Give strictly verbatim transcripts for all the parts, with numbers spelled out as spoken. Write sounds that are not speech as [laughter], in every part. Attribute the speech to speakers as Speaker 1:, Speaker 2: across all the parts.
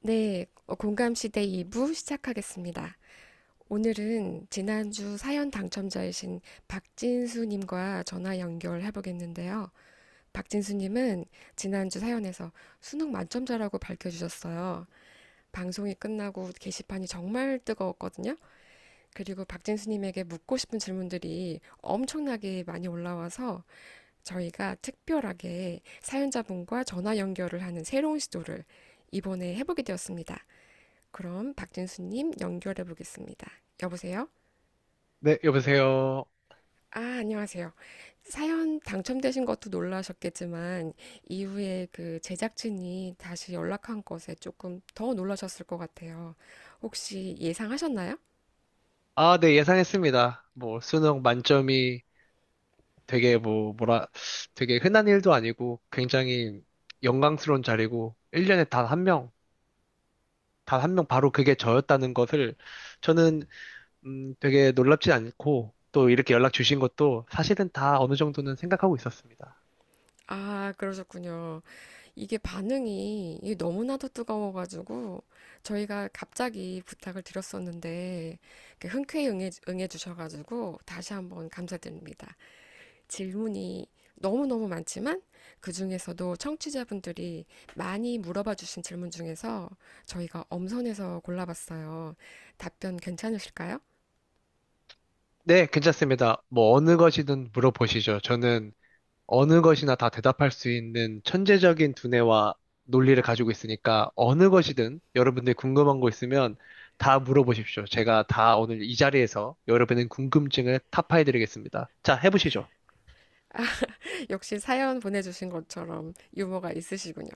Speaker 1: 네, 어, 공감시대 이 부 시작하겠습니다. 오늘은 지난주 사연 당첨자이신 박진수님과 전화 연결해보겠는데요. 박진수님은 지난주 사연에서 수능 만점자라고 밝혀주셨어요. 방송이 끝나고 게시판이 정말 뜨거웠거든요. 그리고 박진수님에게 묻고 싶은 질문들이 엄청나게 많이 올라와서 저희가 특별하게 사연자분과 전화 연결을 하는 새로운 시도를 이번에 해보게 되었습니다. 그럼 박진수님 연결해 보겠습니다. 여보세요?
Speaker 2: 네, 여보세요.
Speaker 1: 아, 안녕하세요. 사연 당첨되신 것도 놀라셨겠지만, 이후에 그 제작진이 다시 연락한 것에 조금 더 놀라셨을 것 같아요. 혹시 예상하셨나요?
Speaker 2: 아, 네, 예상했습니다. 뭐, 수능 만점이 되게 뭐, 뭐라, 되게 흔한 일도 아니고 굉장히 영광스러운 자리고, 일 년에 단 한 명, 단 한 명 바로 그게 저였다는 것을 저는, 음, 되게 놀랍지 않고, 또 이렇게 연락 주신 것도 사실은 다 어느 정도는 생각하고 있었습니다.
Speaker 1: 아, 그러셨군요. 이게 반응이 이게 너무나도 뜨거워가지고, 저희가 갑자기 부탁을 드렸었는데, 이렇게 흔쾌히 응해, 응해주셔가지고, 다시 한번 감사드립니다. 질문이 너무너무 많지만 그 중에서도 청취자분들이 많이 물어봐 주신 질문 중에서 저희가 엄선해서 골라봤어요. 답변 괜찮으실까요?
Speaker 2: 네, 괜찮습니다. 뭐, 어느 것이든 물어보시죠. 저는 어느 것이나 다 대답할 수 있는 천재적인 두뇌와 논리를 가지고 있으니까 어느 것이든 여러분들이 궁금한 거 있으면 다 물어보십시오. 제가 다 오늘 이 자리에서 여러분의 궁금증을 타파해드리겠습니다. 자, 해보시죠.
Speaker 1: [laughs] 역시 사연 보내주신 것처럼 유머가 있으시군요.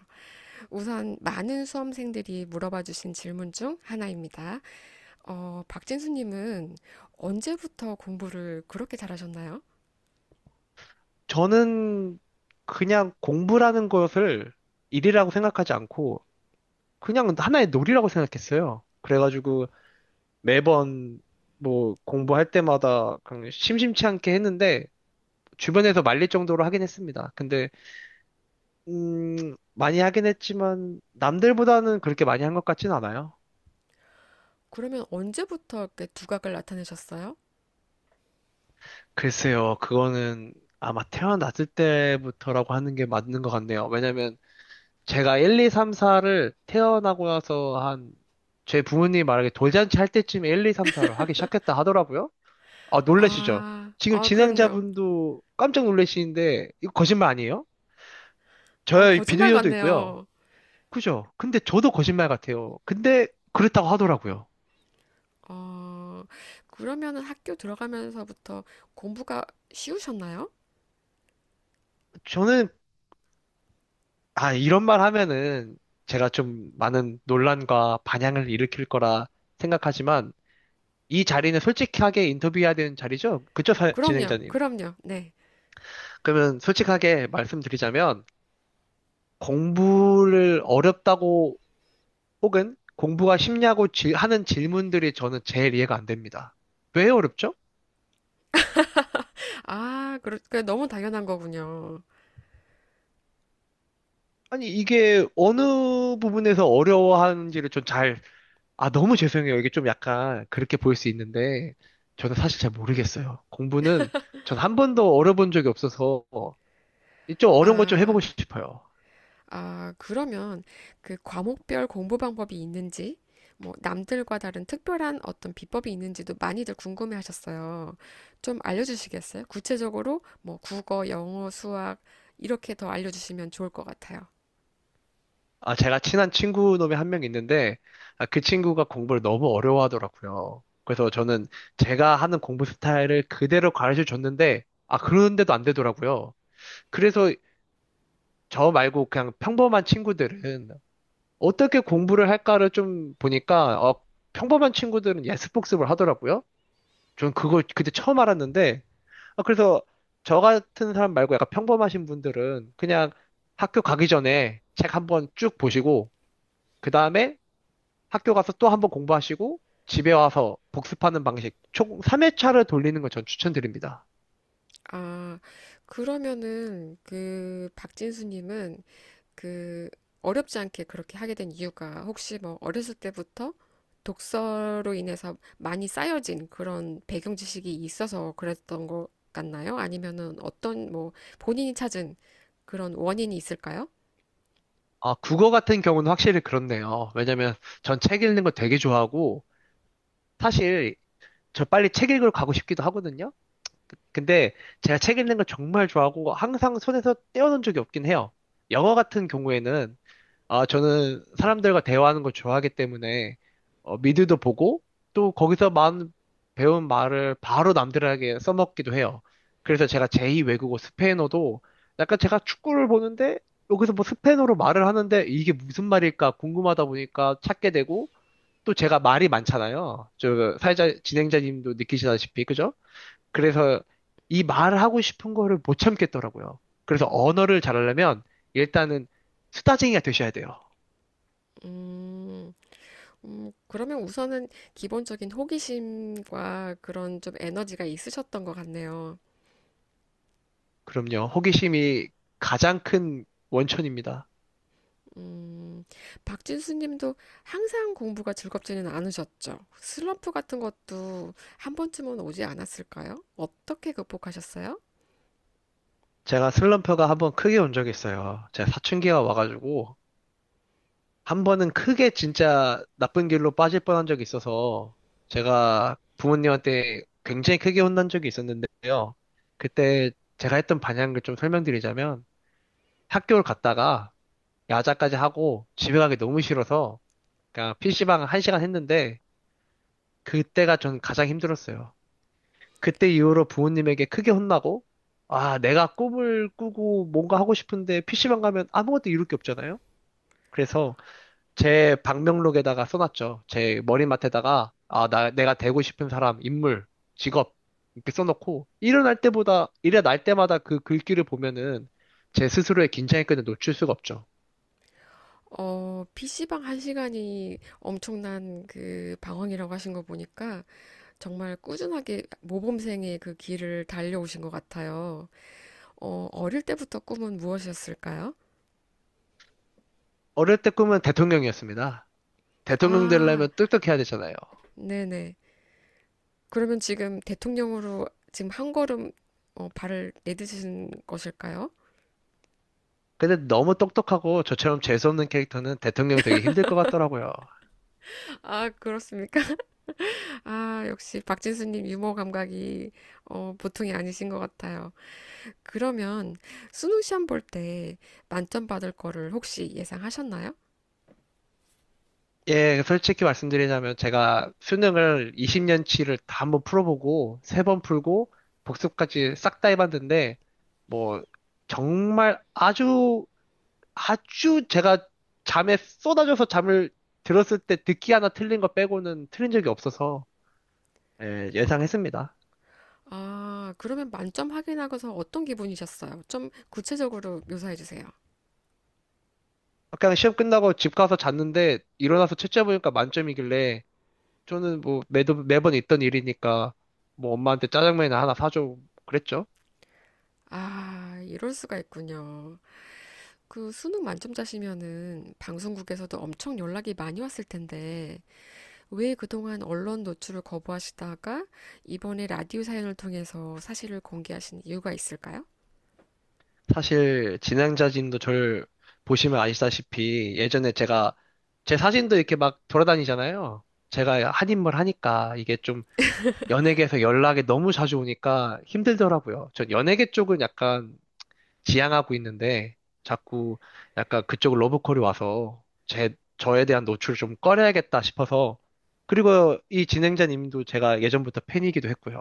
Speaker 1: 우선 많은 수험생들이 물어봐 주신 질문 중 하나입니다. 어, 박진수님은 언제부터 공부를 그렇게 잘하셨나요?
Speaker 2: 저는 그냥 공부라는 것을 일이라고 생각하지 않고 그냥 하나의 놀이라고 생각했어요. 그래가지고 매번 뭐 공부할 때마다 그냥 심심치 않게 했는데 주변에서 말릴 정도로 하긴 했습니다. 근데 음, 많이 하긴 했지만 남들보다는 그렇게 많이 한 것 같진 않아요.
Speaker 1: 그러면 언제부터 이렇게 두각을 나타내셨어요?
Speaker 2: 글쎄요, 그거는 아마 태어났을 때부터라고 하는 게 맞는 것 같네요. 왜냐면 제가 하나, 둘, 셋, 사를 태어나고 나서 한 제 부모님이 말하기 돌잔치 할 때쯤에 하나, 둘, 셋, 넷을 하기 시작했다 하더라고요. 아, 놀라시죠?
Speaker 1: 아,
Speaker 2: 지금
Speaker 1: 아, 그럼요.
Speaker 2: 진행자분도 깜짝 놀라시는데 이거 거짓말 아니에요?
Speaker 1: 아,
Speaker 2: 저의
Speaker 1: 거짓말
Speaker 2: 비디오도 있고요.
Speaker 1: 같네요.
Speaker 2: 그죠? 근데 저도 거짓말 같아요. 근데 그랬다고 하더라고요.
Speaker 1: 어, 그러면은 학교 들어가면서부터 공부가 쉬우셨나요?
Speaker 2: 저는 아, 이런 말 하면은 제가 좀 많은 논란과 반향을 일으킬 거라 생각하지만 이 자리는 솔직하게 인터뷰해야 되는 자리죠? 그쵸, 사-
Speaker 1: 그럼요,
Speaker 2: 진행자님?
Speaker 1: 그럼요, 네.
Speaker 2: 그러면 솔직하게 말씀드리자면 공부를 어렵다고 혹은 공부가 쉽냐고 질- 하는 질문들이 저는 제일 이해가 안 됩니다. 왜 어렵죠?
Speaker 1: 아, 그러니까 너무 당연한 거군요.
Speaker 2: 아니, 이게 어느 부분에서 어려워하는지를 좀잘. 아, 너무 죄송해요. 이게 좀 약간 그렇게 보일 수 있는데, 저는 사실 잘 모르겠어요. 공부는 전 한 번도 어려본 적이 없어서, 좀 어려운 것 좀
Speaker 1: 아,
Speaker 2: 해보고 싶어요.
Speaker 1: 아, 그러면 그 과목별 공부 방법이 있는지, 뭐 남들과 다른 특별한 어떤 비법이 있는지도 많이들 궁금해 하셨어요. 좀 알려주시겠어요? 구체적으로 뭐 국어, 영어, 수학 이렇게 더 알려주시면 좋을 것 같아요.
Speaker 2: 아, 제가 친한 친구 놈이 한 명 있는데, 아, 그 친구가 공부를 너무 어려워하더라고요. 그래서 저는 제가 하는 공부 스타일을 그대로 가르쳐 줬는데, 아, 그런데도 안 되더라고요. 그래서 저 말고 그냥 평범한 친구들은 어떻게 공부를 할까를 좀 보니까, 어, 평범한 친구들은 예습 복습을 하더라고요. 전 그걸 그때 처음 알았는데, 아, 그래서 저 같은 사람 말고 약간 평범하신 분들은 그냥 학교 가기 전에 책 한번 쭉 보시고, 그 다음에 학교 가서 또 한번 공부하시고, 집에 와서 복습하는 방식, 총 삼 회차를 돌리는 걸 전 추천드립니다.
Speaker 1: 아, 그러면은 그 박진수님은 그 어렵지 않게 그렇게 하게 된 이유가 혹시 뭐 어렸을 때부터 독서로 인해서 많이 쌓여진 그런 배경 지식이 있어서 그랬던 것 같나요? 아니면은 어떤 뭐 본인이 찾은 그런 원인이 있을까요?
Speaker 2: 아, 국어 같은 경우는 확실히 그렇네요. 왜냐면 전 책 읽는 거 되게 좋아하고, 사실 저 빨리 책 읽으러 가고 싶기도 하거든요. 근데 제가 책 읽는 걸 정말 좋아하고, 항상 손에서 떼어놓은 적이 없긴 해요. 영어 같은 경우에는 아, 저는 사람들과 대화하는 걸 좋아하기 때문에, 어, 미드도 보고, 또 거기서 만, 배운 말을 바로 남들에게 써먹기도 해요. 그래서 제가 제이 외국어 스페인어도, 약간 제가 축구를 보는데, 여기서 뭐 스페인어로 말을 하는데, 이게 무슨 말일까 궁금하다 보니까 찾게 되고, 또 제가 말이 많잖아요. 저, 사회자, 진행자님도 느끼시다시피, 그죠? 그래서 이 말을 하고 싶은 거를 못 참겠더라고요. 그래서 언어를 잘하려면, 일단은 수다쟁이가 되셔야 돼요.
Speaker 1: 음, 음, 그러면 우선은 기본적인 호기심과 그런 좀 에너지가 있으셨던 것 같네요.
Speaker 2: 그럼요. 호기심이 가장 큰 원천입니다.
Speaker 1: 음, 박진수 님도 항상 공부가 즐겁지는 않으셨죠. 슬럼프 같은 것도 한 번쯤은 오지 않았을까요? 어떻게 극복하셨어요?
Speaker 2: 제가 슬럼프가 한번 크게 온 적이 있어요. 제가 사춘기가 와가지고 한 번은 크게 진짜 나쁜 길로 빠질 뻔한 적이 있어서 제가 부모님한테 굉장히 크게 혼난 적이 있었는데요. 그때 제가 했던 반향을 좀 설명드리자면 학교를 갔다가 야자까지 하고 집에 가기 너무 싫어서 그냥 피시방 한시간 했는데 그때가 전 가장 힘들었어요. 그때 이후로 부모님에게 크게 혼나고, 아, 내가 꿈을 꾸고 뭔가 하고 싶은데 피시방 가면 아무것도 이룰 게 없잖아요? 그래서 제 방명록에다가 써놨죠. 제 머리맡에다가, 아, 나, 내가 되고 싶은 사람, 인물, 직업, 이렇게 써놓고, 일어날 때보다, 일어날 때마다 그 글귀를 보면은 제 스스로의 긴장의 끈을 놓칠 수가 없죠.
Speaker 1: 어, 피씨방 한 시간이 엄청난 그 방황이라고 하신 거 보니까 정말 꾸준하게 모범생의 그 길을 달려오신 것 같아요. 어, 어릴 때부터 꿈은 무엇이었을까요?
Speaker 2: 어릴 때 꿈은 대통령이었습니다. 대통령
Speaker 1: 아,
Speaker 2: 되려면 똑똑해야 되잖아요.
Speaker 1: 네네. 그러면 지금 대통령으로 지금 한 걸음 어, 발을 내딛으신 것일까요?
Speaker 2: 근데 너무 똑똑하고 저처럼 재수없는 캐릭터는 대통령이 되기 힘들 것 같더라고요.
Speaker 1: 아, 그렇습니까? [laughs] 아, 역시 박진수님 유머 감각이 어, 보통이 아니신 것 같아요. 그러면 수능 시험 볼 때 만점 받을 거를 혹시 예상하셨나요?
Speaker 2: 예, 솔직히 말씀드리자면 제가 수능을 이십 년 치를 다 한번 풀어보고 세 번 풀고 복습까지 싹 다 해봤는데 뭐 정말 아주 아주 제가 잠에 쏟아져서 잠을 들었을 때 듣기 하나 틀린 거 빼고는 틀린 적이 없어서 예, 예상했습니다.
Speaker 1: 아, 그러면 만점 확인하고서 어떤 기분이셨어요? 좀 구체적으로 묘사해 주세요.
Speaker 2: 그냥 시험 끝나고 집 가서 잤는데 일어나서 채점해보니까 만점이길래 저는 뭐 매도, 매번 있던 일이니까 뭐 엄마한테 짜장면이나 하나 사줘 그랬죠.
Speaker 1: 아, 이럴 수가 있군요. 그 수능 만점자시면은 방송국에서도 엄청 연락이 많이 왔을 텐데 왜 그동안 언론 노출을 거부하시다가 이번에 라디오 사연을 통해서 사실을 공개하신 이유가 있을까요?
Speaker 2: 사실 진행자진도 저를 보시면 아시다시피 예전에 제가 제 사진도 이렇게 막 돌아다니잖아요. 제가 한인물 하니까 이게 좀 연예계에서 연락이 너무 자주 오니까 힘들더라고요. 전 연예계 쪽은 약간 지향하고 있는데 자꾸 약간 그쪽 러브콜이 와서 제, 저에 대한 노출을 좀 꺼려야겠다 싶어서 그리고 이 진행자님도 제가 예전부터 팬이기도 했고요.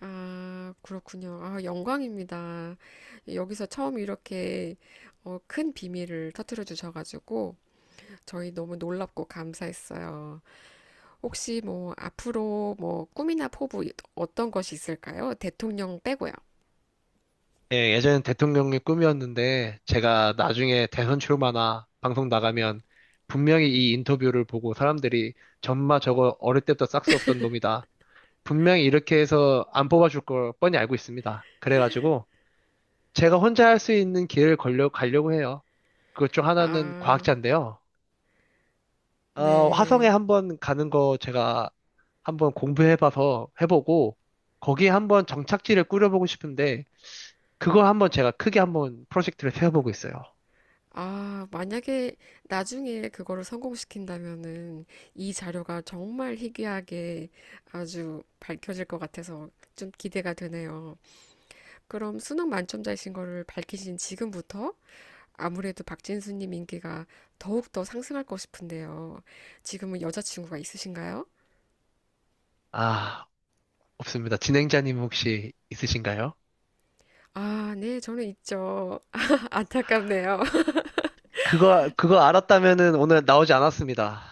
Speaker 1: 아, 그렇군요. 아, 영광입니다. 여기서 처음 이렇게 어, 큰 비밀을 터뜨려 주셔가지고 저희 너무 놀랍고 감사했어요. 혹시 뭐 앞으로 뭐 꿈이나 포부 어떤 것이 있을까요? 대통령 빼고요.
Speaker 2: 예, 예전엔 대통령의 꿈이었는데 제가 나중에 대선 출마나 방송 나가면 분명히 이 인터뷰를 보고 사람들이 전마 저거 어릴 때부터 싹스 없던 놈이다. 분명히 이렇게 해서 안 뽑아줄 걸 뻔히 알고 있습니다. 그래가지고 제가 혼자 할 수 있는 길을 걸려 가려고 해요. 그것 중 하나는
Speaker 1: 아,
Speaker 2: 과학자인데요. 어, 화성에
Speaker 1: 네.
Speaker 2: 한번 가는 거 제가 한번 공부해봐서 해보고 거기에 한번 정착지를 꾸려보고 싶은데 그걸 한번 제가 크게 한번 프로젝트를 세워보고 있어요.
Speaker 1: 아, 만약에 나중에 그거를 성공시킨다면은 이 자료가 정말 희귀하게 아주 밝혀질 것 같아서 좀 기대가 되네요. 그럼 수능 만점자이신 거를 밝히신 지금부터 아무래도 박진수님 인기가 더욱 더 상승할 것 싶은데요. 지금은 여자친구가 있으신가요?
Speaker 2: 아, 없습니다. 진행자님 혹시 있으신가요?
Speaker 1: 아, 네, 저는 있죠. [laughs] 안타깝네요.
Speaker 2: 그거, 그거 알았다면은 오늘 나오지 않았습니다.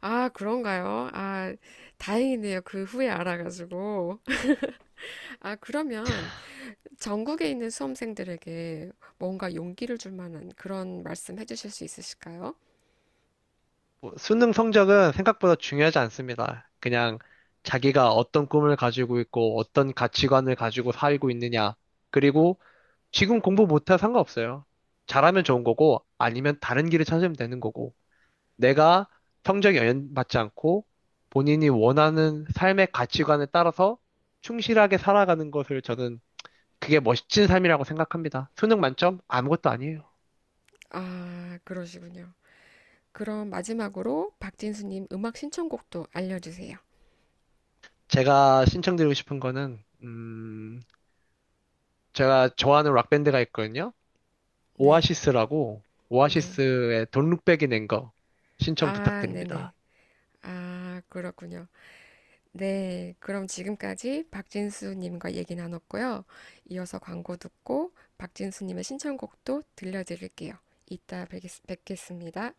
Speaker 1: 아, 그런가요? 아, 다행이네요. 그 후에 알아가지고. 아, 그러면 전국에 있는 수험생들에게 뭔가 용기를 줄 만한 그런 말씀 해주실 수 있으실까요?
Speaker 2: 뭐, 수능 성적은 생각보다 중요하지 않습니다. 그냥 자기가 어떤 꿈을 가지고 있고 어떤 가치관을 가지고 살고 있느냐, 그리고 지금 공부 못해 상관없어요. 잘하면 좋은 거고, 아니면 다른 길을 찾으면 되는 거고, 내가 성적 에 영향받지 않고, 본인이 원하는 삶의 가치관에 따라서 충실하게 살아가는 것을 저는 그게 멋진 삶이라고 생각합니다. 수능 만점? 아무것도 아니에요.
Speaker 1: 아, 그러시군요. 그럼 마지막으로 박진수님 음악 신청곡도 알려주세요.
Speaker 2: 제가 신청드리고 싶은 거는, 음, 제가 좋아하는 락밴드가 있거든요.
Speaker 1: 네,
Speaker 2: 오아시스라고,
Speaker 1: 네.
Speaker 2: 오아시스의 돈 룩백이 낸 거 신청
Speaker 1: 아, 네네.
Speaker 2: 부탁드립니다.
Speaker 1: 아, 그렇군요. 네, 그럼 지금까지 박진수님과 얘기 나눴고요. 이어서 광고 듣고 박진수님의 신청곡도 들려드릴게요. 이따 뵙겠, 뵙겠습니다.